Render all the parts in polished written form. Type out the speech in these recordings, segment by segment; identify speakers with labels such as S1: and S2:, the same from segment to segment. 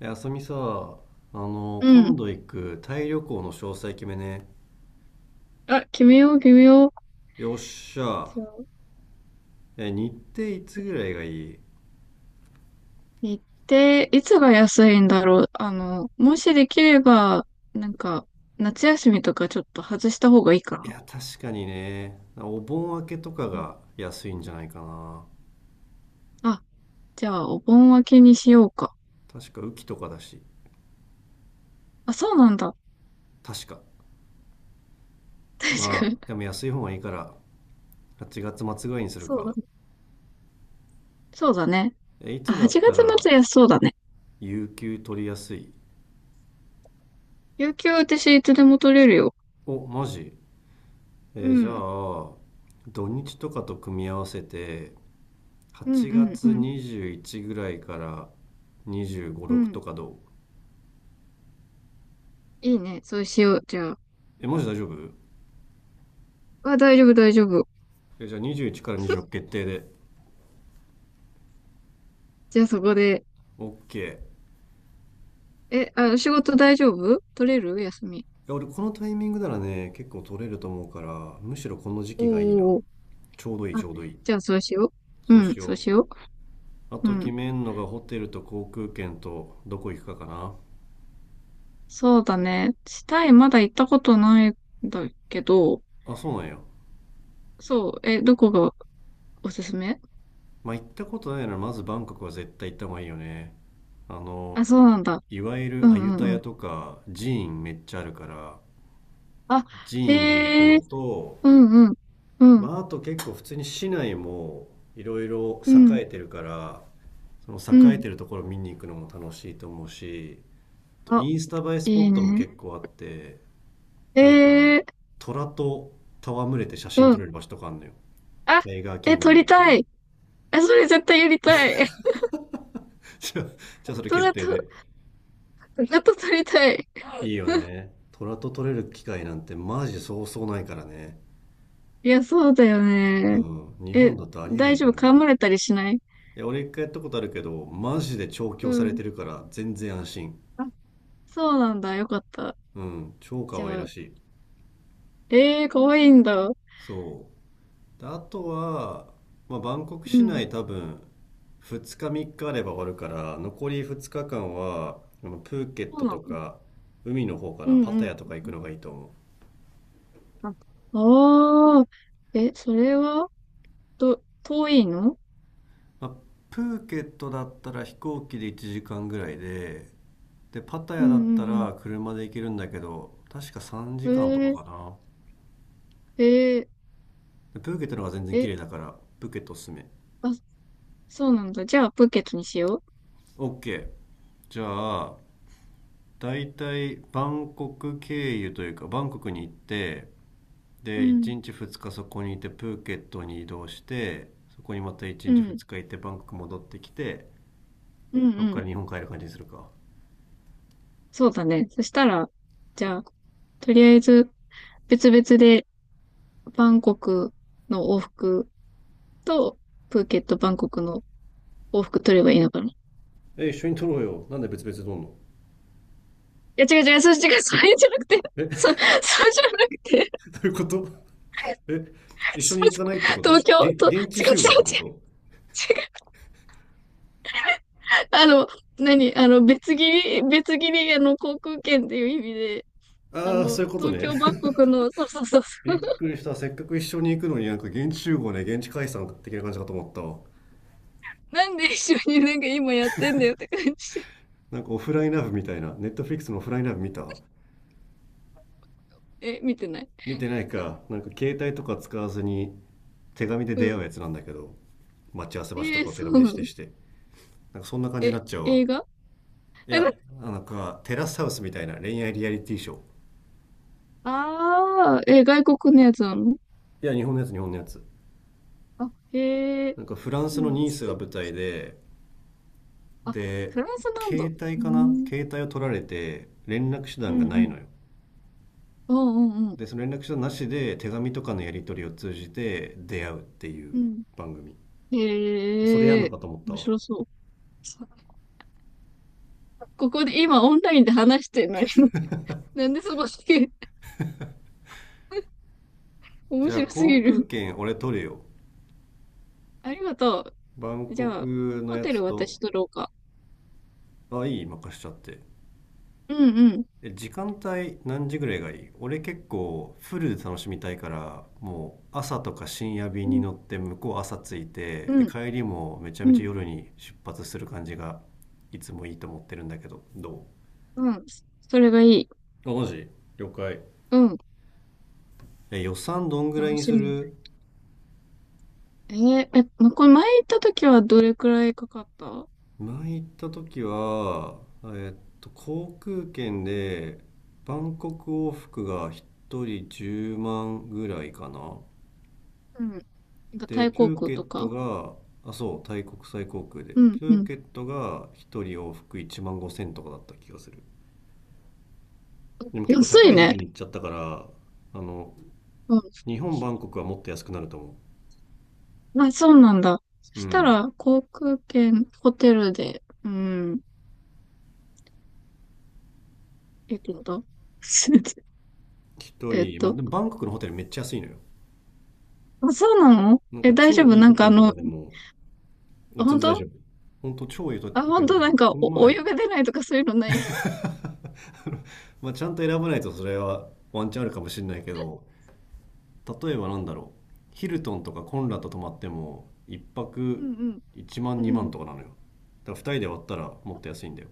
S1: あさみさ、
S2: う
S1: 今
S2: ん。
S1: 度行くタイ旅行の詳細決めね。
S2: あ、決めよう、決めよう。
S1: よっしゃ。
S2: じゃあ、
S1: 日程いつぐらいがいい？
S2: 行って、いつが安いんだろう。もしできれば、なんか、夏休みとかちょっと外した方がいいか
S1: い
S2: な。
S1: や、確かにね、お盆明けとか
S2: うん。
S1: が安いんじゃないかな。
S2: あ、じゃあ、お盆明けにしようか。
S1: 確か雨季とかだし。
S2: あ、そうなんだ。
S1: 確か
S2: 確か
S1: まあ
S2: に。
S1: でも安い方がいいから、8月末ぐらいにする
S2: そう
S1: か。
S2: だ。そうだね。
S1: い
S2: あ、
S1: つだっ
S2: 8
S1: た
S2: 月
S1: ら
S2: 末安そうだね。
S1: 有給取りやすい？
S2: 有給私いつでも取れるよ。
S1: お、マジ？
S2: う
S1: じゃ
S2: ん。
S1: あ、土日とかと組み合わせて、
S2: うん、う
S1: 8
S2: ん、う
S1: 月
S2: ん。
S1: 21ぐらいから25、
S2: う
S1: 6と
S2: ん。
S1: かどう？
S2: いいね。そうしよう。じゃあ。
S1: え、マジ大丈夫？
S2: あ、大丈夫、大丈夫。
S1: え、じゃあ21から26 決定で。
S2: じゃあそこで。
S1: OK。いや、
S2: え、あ、仕事大丈夫取れる休み？
S1: 俺このタイミングならね、結構取れると思うから、むしろこの時
S2: おー
S1: 期がいいな。
S2: おーおー。
S1: ちょうどいい、ち
S2: あ、
S1: ょうどいい。
S2: じゃあそうしよう。
S1: そう
S2: うん、
S1: し
S2: そう
S1: よ
S2: しよ
S1: う。あ
S2: う。う
S1: と決
S2: ん。
S1: めんのがホテルと航空券とどこ行くかかな。
S2: そうだね。タイまだ行ったことないんだけど、
S1: あ、そうなんや。
S2: そう、え、どこがおすすめ？
S1: まあ、行ったことないならまずバンコクは絶対行った方がいいよね。あ
S2: あ、
S1: の、
S2: そうなんだ。
S1: いわゆ
S2: う
S1: る
S2: ん
S1: アユ
S2: う
S1: タ
S2: んう
S1: ヤ
S2: ん。
S1: とか寺院めっちゃあるから、
S2: あ、
S1: 寺院に行く
S2: へ
S1: の
S2: え、
S1: と、
S2: うんうん。う
S1: ま
S2: ん、
S1: あ、あと結構普通に市内もいろいろ
S2: うん、
S1: 栄えてるから、そ
S2: う
S1: の栄え
S2: ん。
S1: てるところ見に行くのも楽しいと思うし、
S2: あ、
S1: インスタ映えスポ
S2: い
S1: ッ
S2: い
S1: トも
S2: ね。
S1: 結構あって、
S2: へ
S1: なんか
S2: え、
S1: 虎と戯れて写真
S2: う
S1: 撮
S2: ん。
S1: れる場所とかあるのよ。
S2: あ、
S1: タイガーキ
S2: え、
S1: ング
S2: 撮
S1: ダムっ
S2: り
S1: てい
S2: た
S1: う。
S2: い。え、それ絶対やりたい。
S1: じゃあ じゃ
S2: ず
S1: あそれ決
S2: っ
S1: 定
S2: と、
S1: で。
S2: ずっと撮りたい。
S1: いいよね、虎と撮れる機会なんてマジでそうそうないからね。
S2: いや、そうだよ
S1: う
S2: ね。
S1: ん、日本
S2: え、
S1: だとありえな
S2: 大
S1: いか
S2: 丈夫
S1: ら
S2: 噛
S1: ね。
S2: まれたりしない？
S1: いや、俺一回やったことあるけど、マジで調
S2: う
S1: 教され
S2: ん。
S1: てるから全然安心。
S2: あ、そうなんだ。よかった。
S1: うん、超
S2: じ
S1: 可愛
S2: ゃ
S1: ら
S2: あ、
S1: しい。
S2: かわいいんだ。
S1: そう。で、あとは、まあ、バンコク
S2: う
S1: 市
S2: ん。
S1: 内多分、2日3日あれば終わるから、残り2日間は、あのプーケッ
S2: そう
S1: ト
S2: な
S1: と
S2: の？
S1: か、海の方か
S2: う
S1: な、
S2: ん
S1: パ
S2: う
S1: タヤと
S2: ん。
S1: か行くのがいいと思う。
S2: あ、ああ、え、それは、と遠いの？
S1: まあ、プーケットだったら飛行機で1時間ぐらいで、で、パタ
S2: う
S1: ヤだった
S2: んうん
S1: ら車で行けるんだけど、確か3
S2: う
S1: 時間と
S2: ん。
S1: かかな。
S2: ー、え
S1: プーケットの方が全然
S2: ー、
S1: 綺
S2: え、
S1: 麗だから、プーケットおすすめ。
S2: あ、そうなんだ。じゃあ、プーケットにしよ
S1: OK。 じゃあ、だいたいバンコク経由というかバンコクに行って、
S2: う。う
S1: で1
S2: ん。
S1: 日2日そこにいて、プーケットに移動してそこにまた1
S2: う
S1: 日
S2: ん。
S1: 2日行って、バンコク戻ってきて、
S2: うん
S1: そこ
S2: う
S1: か
S2: ん。
S1: ら日本帰る感じにするか。
S2: そうだね。そしたら、じゃあ、とりあえず、別々で、バンコクの往復と、プーケット、バンコクの往復取ればいいのかな。い
S1: 一緒に撮ろうよ、なんで別々で撮んの？
S2: や、違う違う、そう、違う、それじゃなくて、
S1: え、 ど
S2: そ、そうじゃなくて、
S1: ういうこと？ え一緒
S2: す
S1: に行かないっ
S2: い
S1: て
S2: ません
S1: こ
S2: 東
S1: と
S2: 京、
S1: げ
S2: と、
S1: 現地
S2: 違う違う違う、
S1: 集合ってこと？
S2: 違う、あの、何、別切り、別切り、航空券っていう意味で、
S1: ああ、そういうこと
S2: 東
S1: ね。
S2: 京、バンコクの、そうそうそう、
S1: びっくりした。せっかく一緒に行くのになんか現地集合ね、現地解散的な感じかと思ったわ。
S2: なんで一緒になんか今やってんだよって感じ。
S1: なんかオフラインラブみたいな、ネットフリックスのオフラインラブ見た？
S2: え、見てない？
S1: 見てないか。なんか携帯とか使わずに手紙で
S2: う
S1: 出会う
S2: ん。
S1: やつなんだけど、待ち合わせ場所とかを手
S2: そ
S1: 紙で
S2: うな
S1: 指定
S2: の？
S1: して。なんかそんな感じにな
S2: え、
S1: っちゃうわ。
S2: 映画？
S1: い
S2: え、
S1: や、
S2: な
S1: なんかテラスハウスみたいな恋愛リアリティショー。
S2: ああ、え、外国のやつなの？
S1: いや、日本のやつ、日本のやつ。
S2: あ、へえ、
S1: なんかフラン
S2: そ
S1: スの
S2: う、
S1: ニースが舞台で、
S2: あ、
S1: で、
S2: フランスなんだ。
S1: 携帯
S2: う
S1: かな、
S2: ん。
S1: 携帯を取られて連絡手
S2: うん
S1: 段が
S2: う
S1: ない
S2: ん。
S1: のよ。
S2: うんうんうん。
S1: でその連絡手段なしで手紙とかのやり取りを通じて出会うっていう
S2: うん。
S1: 番組。それやん
S2: へ
S1: の
S2: え、
S1: かと思った
S2: 面
S1: わ。
S2: 白そう。さここで今オンラインで話してるのに なんでその先 面
S1: じゃあ
S2: 白す
S1: 航
S2: ぎ
S1: 空
S2: る。
S1: 券俺取るよ、
S2: ありがと
S1: バン
S2: う。じ
S1: コ
S2: ゃあ、
S1: クの
S2: ホ
S1: や
S2: テ
S1: つ
S2: ル
S1: と。
S2: 私取ろうか。
S1: あ、いい、任しちゃって。
S2: うんうん。
S1: 時間帯何時ぐらいがいい？俺結構フルで楽しみたいから、もう朝とか深夜便
S2: う
S1: に
S2: ん、
S1: 乗って向こう朝着いて、
S2: う
S1: で
S2: ん、
S1: 帰りもめちゃ
S2: う
S1: めちゃ
S2: ん、
S1: 夜に出発する感じがいつもいいと思ってるんだけど、ど
S2: うん。それがいい。
S1: う、あ、マジ？了解。
S2: うん。
S1: 予算どんぐらい
S2: 楽
S1: に
S2: し
S1: す
S2: み。
S1: る？
S2: え、ま、これ前行った時はどれくらいかかった？
S1: 前行った時は、航空券でバンコク往復が1人10万ぐらいかな。
S2: うん。なんかタ
S1: で、
S2: イ航
S1: プー
S2: 空
S1: ケ
S2: と
S1: ット
S2: か。
S1: が、あ、そう、タイ国際航空で。
S2: うん、
S1: プ
S2: う
S1: ー
S2: ん。
S1: ケットが1人往復1万5千とかだった気がする。でも結構
S2: 安
S1: 高
S2: い
S1: い時期
S2: ね。
S1: に行っちゃったから、あの、日本、バンコクはもっと安くなると思
S2: あ、そうなんだ。そ
S1: う。う
S2: した
S1: ん。
S2: ら、航空券、ホテルで、うん、えっと、
S1: 1
S2: えっ
S1: 人、まあ
S2: と、
S1: でもバンコクのホテルめっちゃ安いのよ。
S2: あ、そうなの？
S1: なん
S2: え、
S1: か
S2: 大丈
S1: 超
S2: 夫？
S1: いい
S2: な
S1: ホ
S2: んか
S1: テルとかでも、まあ全
S2: 本
S1: 然大
S2: 当？
S1: 丈夫。本当超いいホ
S2: あ、
S1: テ
S2: 本
S1: ルと
S2: 当？
S1: か
S2: な
S1: も、
S2: んか、
S1: この
S2: お、お湯
S1: 前、
S2: が出ないとかそういうのない？
S1: まあ、ちゃんと選ばないとそれはワンチャンあるかもしれないけど、例えばなんだろう、ヒルトンとかコンラッド泊まっても、一
S2: う
S1: 泊
S2: んうん、
S1: 1万
S2: う
S1: 2万
S2: ん。
S1: とかなのよ。だから2人で割ったらもっと安いんだよ。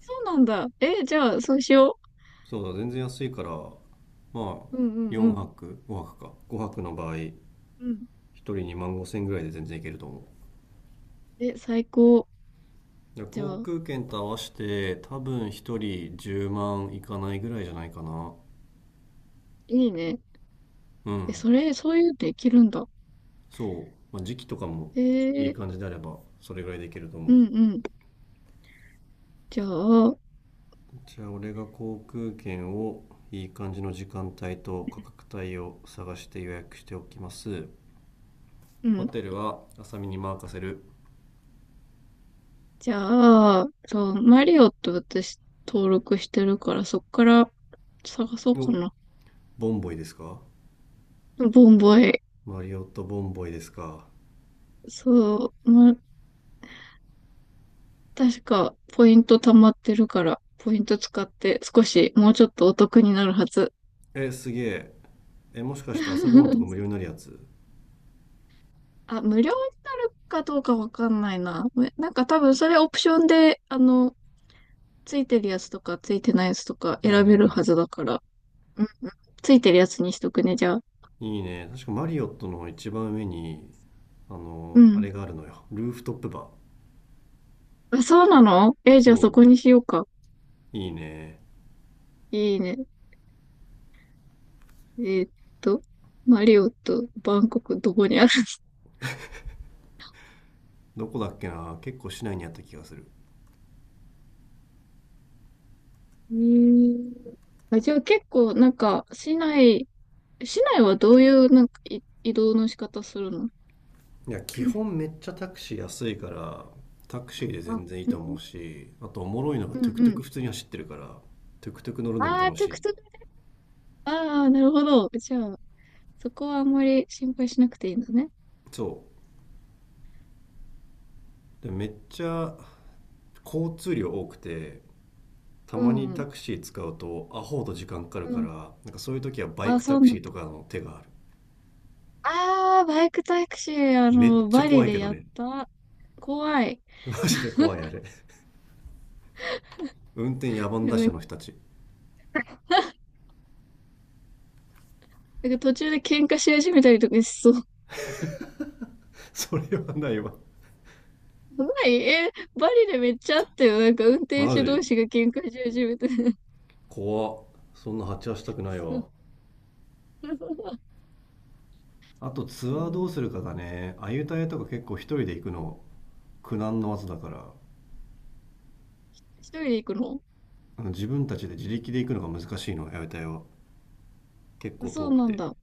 S2: そうなんだ。え、じゃあ、そうしよ
S1: そうだ、全然安いから、まあ、
S2: う。うんうんう
S1: 4
S2: ん。
S1: 泊、5泊か。5泊の場合、
S2: うん。
S1: 1人2万5千円ぐらいで全然いけると思う。
S2: え、最高。
S1: だから
S2: じゃ
S1: 航
S2: あ、
S1: 空券と合わせて、多分1人10万いかないぐらいじゃないかな。
S2: いいね。
S1: う
S2: え、
S1: ん。
S2: それ、そういうのできるんだ。
S1: そう、まあ、時期とかも
S2: え
S1: いい
S2: ー、
S1: 感じであればそれぐらいできると思
S2: う
S1: う。
S2: んうん。じゃあ、
S1: じゃあ俺が航空券をいい感じの時間帯と価格帯を探して予約しておきます。
S2: う
S1: ホ
S2: ん。
S1: テルは浅見に任せる。
S2: じゃあ、そう、マリオって私登録してるから、そっから探そうか
S1: お、
S2: な。
S1: ボンボイですか？
S2: ボンボイ。
S1: マリオットボンボイですか？
S2: そう、まあ、確かポイント溜まってるから、ポイント使って少しもうちょっとお得になるはず。
S1: え、すげえ。もしかして朝ごはんとか無料 になるやつ？
S2: あ、無料になるかどうかわかんないな。なんか多分それオプションで、ついてるやつとかついてないやつとか
S1: はいはい
S2: 選
S1: は
S2: べるは
S1: い。
S2: ずだから。うん、ついてるやつにしとくね、じゃあ。
S1: いいね、確かマリオットの一番上に、
S2: う
S1: あれ
S2: ん。
S1: があるのよ、ルーフトップバー。
S2: あ、そうなの？え、じゃあそ
S1: そ
S2: こにしようか。
S1: う、いいね。
S2: いいね。えーっと、マリオとバンコクどこにある？
S1: どこだっけな、結構市内にあった気がする。
S2: えー、あ、じゃあ結構なんか市内、市内はどういうなんかい移動の仕方するの？
S1: いや基 本めっちゃタクシー安いから、タクシーで
S2: あ、
S1: 全然いい
S2: う
S1: と思
S2: ん
S1: うし、あとおもろいのが
S2: う
S1: トゥ
S2: ん
S1: クト
S2: う
S1: ゥ
S2: ん。
S1: ク普通に走ってるから、トゥクトゥク乗るのも
S2: ああ、
S1: 楽
S2: ト
S1: し
S2: ゥク
S1: い。
S2: トゥク。ああ、なるほど。じゃあ、そこはあんまり心配しなくていいんだね。
S1: そうで、めっちゃ交通量多くて、た
S2: う
S1: ま
S2: ん
S1: に
S2: うん。
S1: タクシー使うとアホほど時間かかる
S2: う
S1: か
S2: ん。
S1: ら、なんかそういう時はバイ
S2: あ、
S1: ク
S2: そ
S1: タ
S2: う
S1: ク
S2: な
S1: シ
S2: ん
S1: ー
S2: だ。
S1: とかの手がある。
S2: ああ、バイクタクシー、
S1: めっちゃ
S2: バ
S1: 怖
S2: リ
S1: いけ
S2: で
S1: ど
S2: やっ
S1: ね。
S2: た。怖い。
S1: マジで怖いあれ、運転野蛮
S2: な
S1: 打者
S2: んか
S1: の人たち。
S2: なんか途中で喧嘩し始めたりとかしそう。
S1: それはないわ。
S2: やばい、え、バリでめっちゃあったよ。なんか運転
S1: マ
S2: 手同
S1: ジ
S2: 士が喧嘩し始めて。
S1: 怖っ。そんな鉢合わせたくないわ。
S2: そうそ
S1: あとツアーど
S2: う
S1: うするかだね。アユタヤとか結構一人で行くの苦難の技だから、
S2: 一人で行くの？
S1: 自分たちで自力で行くのが難しいのアユタヤは、結
S2: あ、
S1: 構
S2: そ
S1: 遠
S2: う
S1: く
S2: なん
S1: て。
S2: だ。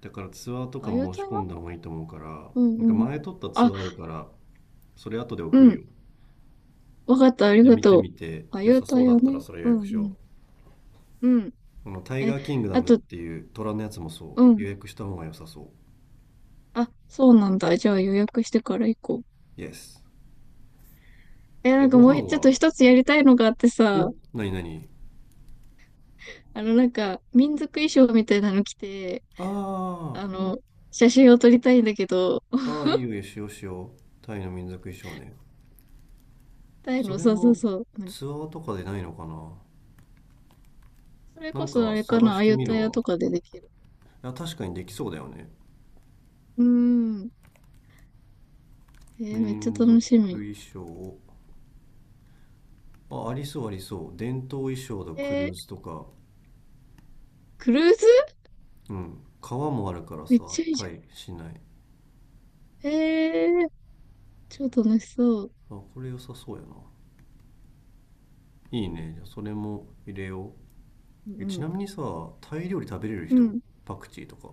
S1: だからツアーとか
S2: あ、優
S1: 申
S2: 待
S1: し込
S2: は？
S1: んだ方がいいと思うから、
S2: う
S1: な
S2: ん
S1: んか
S2: うん。
S1: 前撮ったツ
S2: あ、
S1: アーあるから、それ後で
S2: う
S1: 送るよ。
S2: ん。わかった、あり
S1: で
S2: が
S1: 見て
S2: とう。
S1: みて
S2: あ、
S1: 良
S2: 優
S1: さそう
S2: 待
S1: だ
S2: は
S1: ったら
S2: ね。
S1: それ予
S2: うんう
S1: 約しよ
S2: ん。うん。
S1: う。このタイ
S2: え、
S1: ガーキングダ
S2: あ
S1: ムっ
S2: と、
S1: ていう虎のやつもそ
S2: う
S1: う
S2: ん。
S1: 予約した方が良さそ
S2: あ、そうなんだ。じゃあ予約してから行こう。
S1: う。イエス。
S2: え、なんか
S1: ご
S2: も
S1: 飯
S2: うちょっ
S1: は。
S2: と一つやりたいのがあってさ、
S1: お、なになに？
S2: なんか民族衣装みたいなの着て、
S1: あ
S2: あの、写真を撮りたいんだけど、
S1: ー、あー、いいよいいよ、しようしよう。タイの民族衣装ね。
S2: タイ
S1: そ
S2: の、
S1: れ
S2: そうそう
S1: も
S2: そう。
S1: ツアーとかでないのかな。
S2: それ
S1: な
S2: こ
S1: ん
S2: そあ
S1: か
S2: れか
S1: 探
S2: な、
S1: し
S2: あ
S1: て
S2: ゆ
S1: み
S2: た
S1: る
S2: や
S1: わ。
S2: とかでできる。
S1: いや、確かにできそうだよね。
S2: うーん。めっちゃ
S1: 民族
S2: 楽しみ。
S1: 衣装。あ、ありそうありそう。伝統衣装とク
S2: え
S1: ル
S2: ー、
S1: ーズとか。
S2: クルーズ？
S1: うん。川もあるから
S2: めっ
S1: さ、
S2: ちゃいい
S1: タ
S2: じゃ
S1: イ、市内。
S2: ん。超楽しそう。
S1: あ、これ良さそうやな。いいね。じゃあそれも入れよ
S2: う
S1: う。ち
S2: ん、
S1: なみにさ、タイ料理食べれる
S2: うん。う
S1: 人？
S2: ん。
S1: パクチーとか。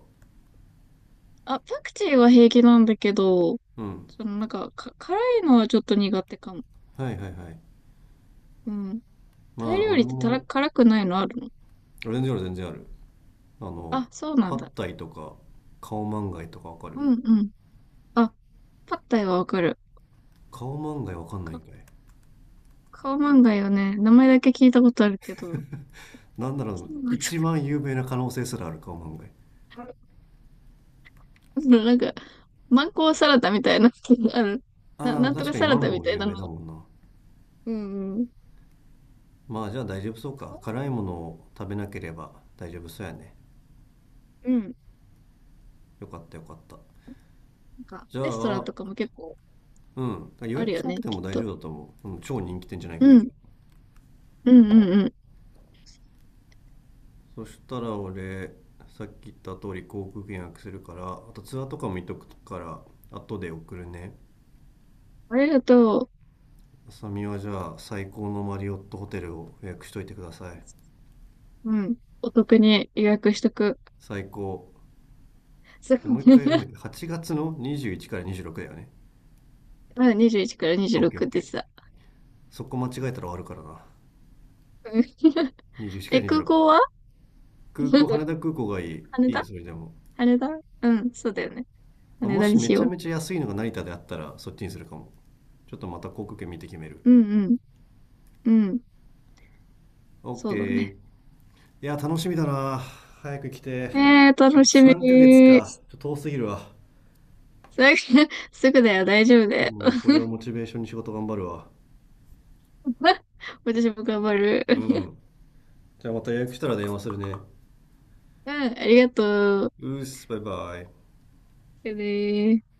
S2: あ、パクチーは平気なんだけど、
S1: うん。
S2: そのなんか、辛いのはちょっと苦手かも。
S1: はいはいはい。
S2: うん。タイ
S1: まあ、
S2: 料
S1: 俺
S2: 理ってたら、
S1: も、
S2: 辛くないのあるの？
S1: 全然ある全然ある。あの、
S2: あ、そうな
S1: パ
S2: ん
S1: ッ
S2: だ。
S1: タイとか、カオマンガイとかわかる？
S2: うんうん。あ、パッタイはわかる。
S1: 顔漫画わかんないん
S2: か、
S1: かい。
S2: カオマンガイよね。名前だけ聞いたことあるけど、
S1: なんだろう、
S2: そうなんだ。
S1: 一番有名な可能性すらある顔漫画。
S2: なんか、マンゴーサラダみたいな、あの、
S1: あ
S2: な
S1: あ、
S2: んと
S1: 確
S2: か
S1: かに
S2: サ
S1: マ
S2: ラ
S1: ン
S2: ダみ
S1: ゴー
S2: たい
S1: 有
S2: な
S1: 名
S2: の。
S1: だもんな。
S2: うんうん。
S1: まあじゃあ大丈夫そうか。
S2: 顔
S1: 辛いものを食べなければ大丈夫そうやね。
S2: うん。
S1: よかったよかった。
S2: なんか、
S1: じゃ
S2: レストラン
S1: あ、
S2: とかも結構
S1: うん。予
S2: ある
S1: 約し
S2: よ
S1: なく
S2: ね、
S1: て
S2: き
S1: も
S2: っ
S1: 大
S2: と。
S1: 丈夫だと思う。うん、超人気店じゃない
S2: う
S1: 限り
S2: ん。
S1: は。
S2: うんうんうん。
S1: そしたら俺、さっき言った通り航空券予約するから、あとツアーとかも見とくから、後で送るね。
S2: ありがと
S1: あさみはじゃあ最高のマリオットホテルを予約しといてください。
S2: う。うん。お得に予約しとく。
S1: 最高。
S2: そう
S1: でも う一回なんだっけ、8月の21から26だよね。
S2: まだ21から
S1: オッケーオ
S2: 26
S1: ッケ
S2: でした。
S1: ー。そこ間違えたら終わるからな。
S2: うん
S1: 21か
S2: え、
S1: ら
S2: 空
S1: 26。
S2: 港は？
S1: 空港、羽 田空港がいい。
S2: 羽
S1: いい、
S2: 田、
S1: それでも。
S2: 羽田。うん、そうだよね。
S1: まあ
S2: 羽
S1: も
S2: 田
S1: し
S2: に
S1: め
S2: し
S1: ちゃ
S2: よ
S1: めちゃ安いのが成田であったら、そっちにするかも。ちょっとまた航空券見て決める。
S2: う。うんうん。うん。
S1: オッ
S2: そ
S1: ケ
S2: うだ
S1: ー。い
S2: ね。
S1: や、楽しみだな。早く来て。あ
S2: 楽
S1: と
S2: しみ。
S1: 3ヶ月か。ちょっと遠すぎるわ。
S2: すぐ、すぐだよ、大丈夫だよ。
S1: もうこれをモチベーションに仕事頑張るわ。
S2: 私も頑張る。
S1: うん。じゃあまた予約したら電話するね。
S2: うん、ありがとう。
S1: うーす、バイバイ。
S2: じゃあねー。